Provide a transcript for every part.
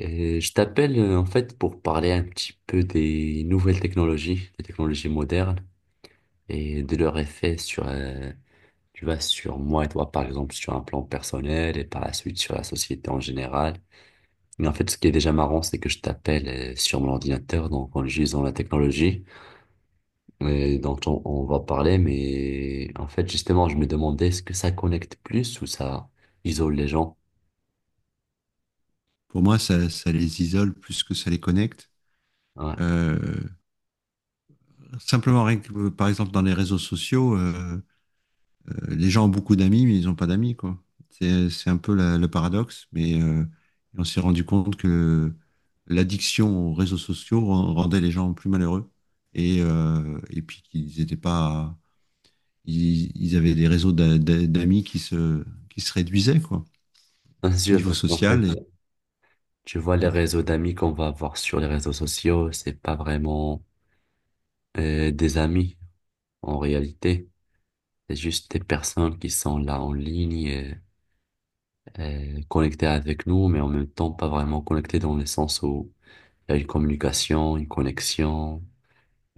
Je t'appelle en fait pour parler un petit peu des nouvelles technologies, des technologies modernes et de leur effet sur, tu vois, sur moi et toi par exemple, sur un plan personnel et par la suite sur la société en général. Mais en fait, ce qui est déjà marrant, c'est que je t'appelle sur mon ordinateur, donc en utilisant la technologie dont on va parler. Mais en fait, justement, je me demandais est-ce que ça connecte plus ou ça isole les gens? Pour moi, ça les isole plus que ça les connecte. Ouais. Euh, Simplement, par exemple, dans les réseaux sociaux, les gens ont beaucoup d'amis, mais ils n'ont pas d'amis. Quoi. C'est un peu le paradoxe, mais on s'est rendu compte que l'addiction aux réseaux sociaux rendait les gens plus malheureux et puis qu'ils n'étaient pas. Ils avaient des réseaux d'amis qui se réduisaient, quoi, Bien au sûr, niveau parce qu'en fait, social. Et, tu vois, les réseaux d'amis qu'on va avoir sur les réseaux sociaux, c'est pas vraiment des amis en réalité. C'est juste des personnes qui sont là en ligne, connectées avec nous, mais en même temps pas vraiment connectées dans le sens où il y a une communication, une connexion,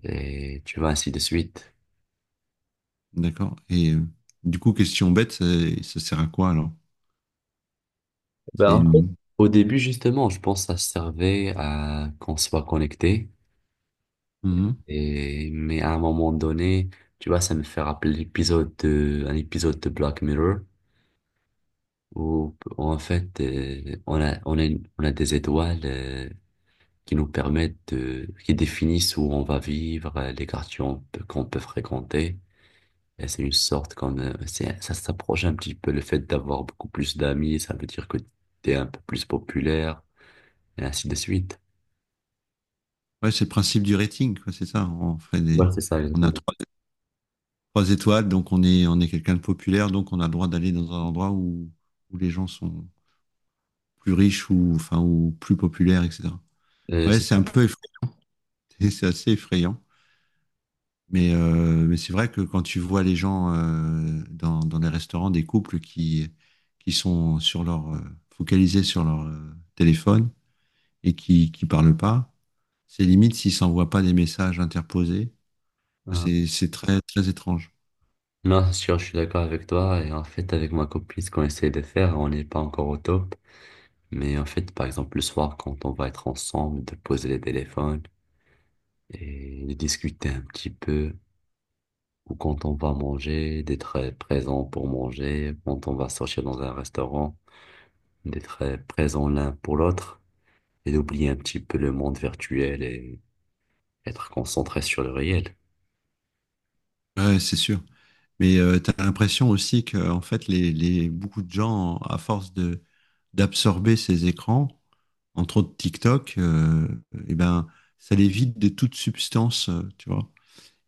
et tu vois, ainsi de suite. d'accord. Et du coup, question bête, ça sert à quoi alors? Ben, C'est en fait, une- au début, justement, je pense que ça servait à qu'on soit connecté, mmh. et, mais à un moment donné, tu vois, ça me fait rappeler l'épisode de, un épisode de Black Mirror où en fait, on a des étoiles qui nous permettent de, qui définissent où on va vivre, les quartiers qu'on peut fréquenter. Et c'est une sorte comme, ça s'approche un petit peu le fait d'avoir beaucoup plus d'amis, ça veut dire que tu es un peu plus populaire, et ainsi de suite. Ouais, c'est le principe du rating, quoi, c'est ça. Ouais, c'est ça, On a exactement. Trois étoiles, donc on est quelqu'un de populaire, donc on a le droit d'aller dans un endroit où les gens sont plus riches ou, enfin, ou plus populaires, etc. Ouais, C'est c'est ça. un peu effrayant, c'est assez effrayant. Mais c'est vrai que quand tu vois les gens dans les restaurants, des couples qui sont sur focalisés sur leur téléphone et qui parlent pas, c'est limite s'ils ne s'envoient pas des messages interposés. Ah. C'est très, très étrange. Non, c'est sûr, je suis d'accord avec toi. Et en fait, avec ma copine, ce qu'on essaie de faire, on n'est pas encore au top. Mais en fait, par exemple, le soir, quand on va être ensemble, de poser les téléphones, et de discuter un petit peu ou quand on va manger, d'être présent pour manger, quand on va sortir dans un restaurant, d'être présent l'un pour l'autre et d'oublier un petit peu le monde virtuel et être concentré sur le réel. Ouais, c'est sûr. Mais tu as l'impression aussi que en fait, beaucoup de gens, à force de d'absorber ces écrans, entre autres TikTok, eh ben, ça les vide de toute substance, tu vois.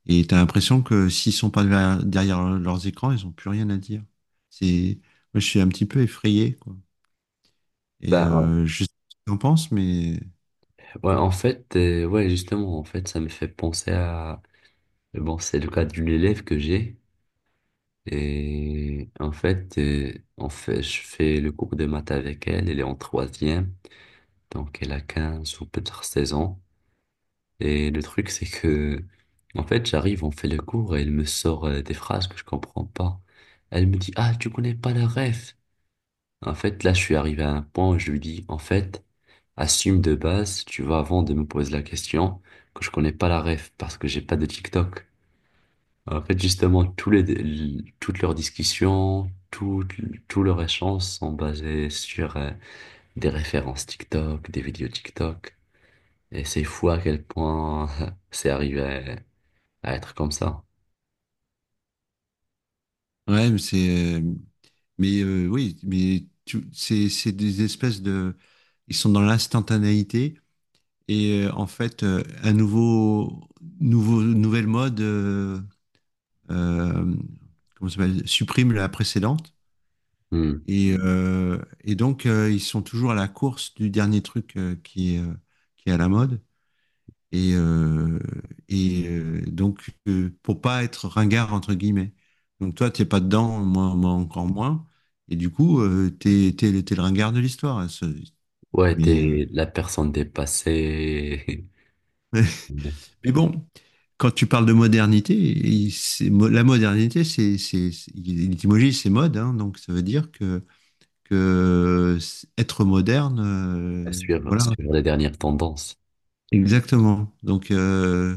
Et tu as l'impression que s'ils sont pas derrière leurs écrans, ils ont plus rien à dire. C'est, moi, je suis un petit peu effrayé, quoi. Et Bah, en- je sais pas ce que t'en penses, mais ouais, en fait, ouais, justement, en fait, ça me fait penser à, bon, c'est le cas d'une élève que j'ai, et en fait, je fais le cours de maths avec elle, elle est en troisième, donc elle a 15 ou peut-être 16 ans. Et le truc, c'est que, en fait, j'arrive, on fait le cours et elle me sort des phrases que je comprends pas. Elle me dit, ah, tu connais pas la ref. En fait, là, je suis arrivé à un point où je lui dis, en fait, assume de base, tu vois, avant de me poser la question, que je connais pas la ref parce que j'ai pas de TikTok. En fait, justement, toutes leurs discussions, tout, tout leur échange sont basés sur des références TikTok, des vidéos TikTok. Et c'est fou à quel point c'est arrivé à être comme ça. ouais, mais oui, c'est des espèces de ils sont dans l'instantanéité et en fait un nouveau nouveau nouvelle mode euh, comment ça s'appelle supprime la précédente. Hmm. Et et donc ils sont toujours à la course du dernier truc qui est à la mode et euh, et donc pour pas être ringard entre guillemets, donc toi t'es pas dedans, moi encore moins, et du coup t'es t'es le ringard de l'histoire, hein, Ouais, mais t'es la personne dépassée. Mais bon, quand tu parles de modernité, la modernité, l'étymologie, c'est mode, hein, donc ça veut dire que, être moderne, À suivre, voilà, suivre les dernières tendances. exactement. Donc,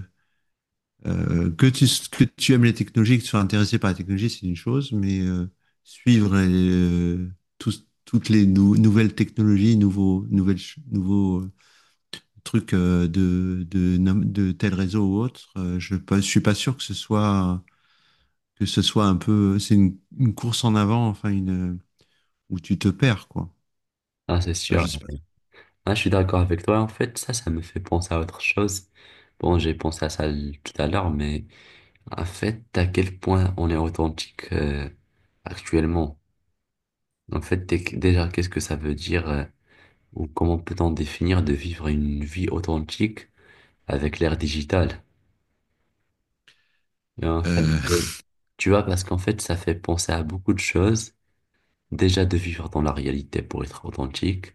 que tu aimes les technologies, que tu sois intéressé par la technologie, c'est une chose, mais suivre toutes les nouvelles technologies, nouveaux trucs de tel réseau ou autre, je ne suis pas sûr que ce soit, un peu, c'est une course en avant, enfin une où tu te perds, quoi. Ah, c'est Enfin, sûr. je sais pas. Ah, je suis d'accord avec toi. En fait, ça me fait penser à autre chose. Bon, j'ai pensé à ça tout à l'heure, mais en fait, à quel point on est authentique actuellement. En fait, déjà, qu'est-ce que ça veut dire ou comment peut-on définir de vivre une vie authentique avec l'ère digitale? Et en fait, Euh, tu vois, parce qu'en fait, ça fait penser à beaucoup de choses. Déjà de vivre dans la réalité pour être authentique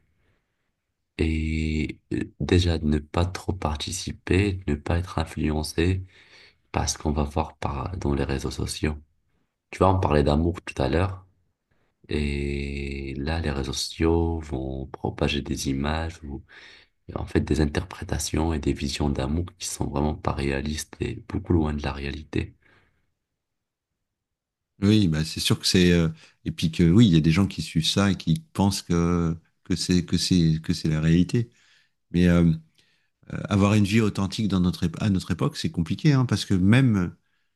et déjà de ne pas trop participer, de ne pas être influencé par ce qu'on va voir par, dans les réseaux sociaux. Tu vois, on parlait d'amour tout à l'heure et là, les réseaux sociaux vont propager des images ou en fait des interprétations et des visions d'amour qui sont vraiment pas réalistes et beaucoup loin de la réalité. oui, bah c'est sûr que c'est et puis que oui, il y a des gens qui suivent ça et qui pensent que que c'est la réalité. Mais avoir une vie authentique dans à notre époque, c'est compliqué, hein, parce que même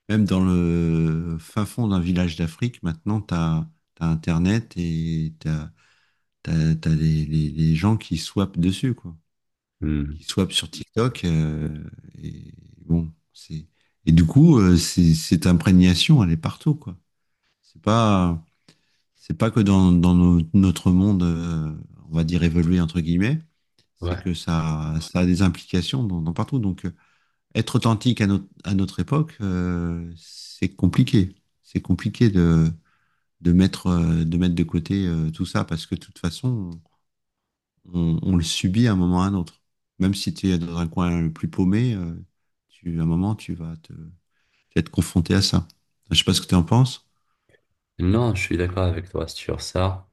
même dans le fin fond d'un village d'Afrique, maintenant t'as t'as Internet et t'as les gens qui swappent dessus, quoi. Hmm. Qui swap sur TikTok. Et bon, c'est et du coup, cette imprégnation, elle est partout, quoi. C'est pas, c'est pas que dans, notre monde, on va dire évolué entre guillemets, c'est Ouais. que ça a des implications dans, dans partout. Donc, être authentique à à notre époque, c'est compliqué. C'est compliqué de mettre, de mettre de côté tout ça parce que de toute façon, on le subit à un moment ou à un autre. Même si tu es dans un coin le plus paumé, à un moment, tu vas être confronté à ça. Je sais pas ce que tu en penses. Non, je suis d'accord avec toi sur ça.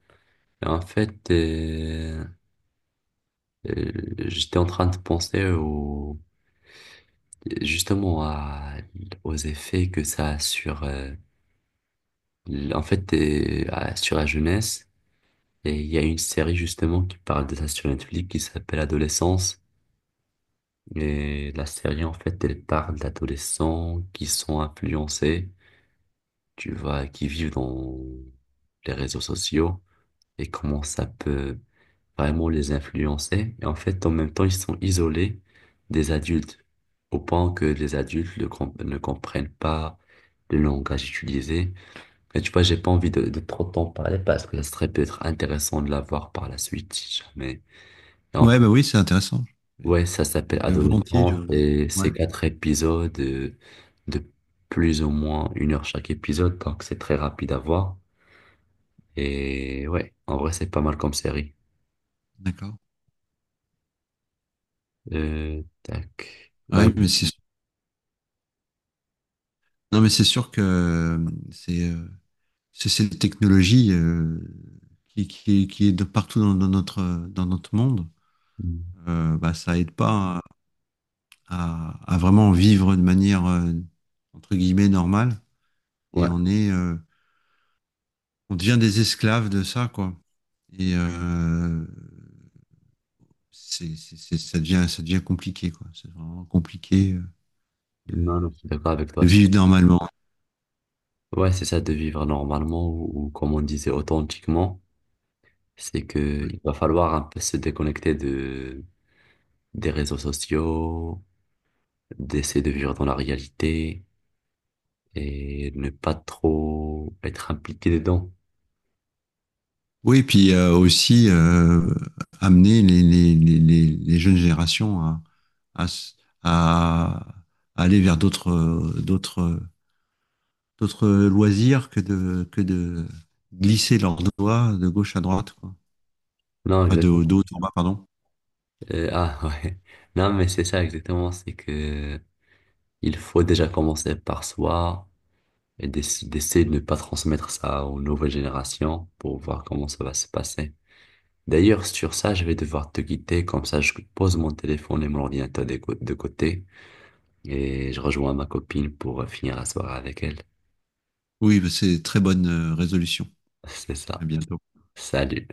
En fait, Euh, j'étais en train de penser au, justement à, aux effets que ça a sur, en fait, sur la jeunesse. Et il y a une série justement qui parle de ça sur Netflix qui s'appelle Adolescence. Et la série, en fait, elle parle d'adolescents qui sont influencés, tu vois, qui vivent dans les réseaux sociaux et comment ça peut vraiment les influencer. Et en fait, en même temps, ils sont isolés des adultes, au point que les adultes ne, com- ne comprennent pas le langage utilisé. Mais tu vois, j'ai pas envie de trop en parler parce que ça serait peut-être intéressant de la voir par la suite, si jamais. Et en Ouais, plus, bah oui, c'est intéressant. Mais ouais, ça s'appelle je, volontiers, je, Adolescence et ouais, c'est 4 épisodes de plus ou moins 1 heure chaque épisode, donc c'est très rapide à voir. Et ouais, en vrai, c'est pas mal comme série. d'accord. Tac. Ouais. Ouais, non, mais c'est sûr que c'est, euh, c'est cette technologie qui est de partout dans notre monde. Mm. Bah, ça aide pas à, à vraiment vivre de manière entre guillemets normale. Et Ouais. on est, on devient des esclaves de ça, quoi. Et ça devient compliqué, quoi. C'est vraiment compliqué de, Non, non, je suis d'accord avec de toi, je vivre trouve. normalement. Ouais, c'est ça, de vivre normalement ou comme on disait authentiquement. C'est que Ouais. il va falloir un peu se déconnecter de, des réseaux sociaux, d'essayer de vivre dans la réalité et ne pas trop être impliqué dedans. Oui, et puis aussi amener les jeunes générations à, à, s- à- à aller vers d'autres, d'autres, d'autres loisirs que que de glisser leurs doigts de gauche à droite, quoi. Non, Enfin, de exactement. haut en bas, pardon. Ouais. Non, mais c'est ça exactement. C'est que il faut déjà commencer par soi et d'essayer de ne pas transmettre ça aux nouvelles générations pour voir comment ça va se passer. D'ailleurs, sur ça, je vais devoir te quitter, comme ça je pose mon téléphone et mon ordinateur de côté et je rejoins ma copine pour finir la soirée avec elle. Oui, bah, c'est très bonne résolution. C'est À ça. bientôt. Salut.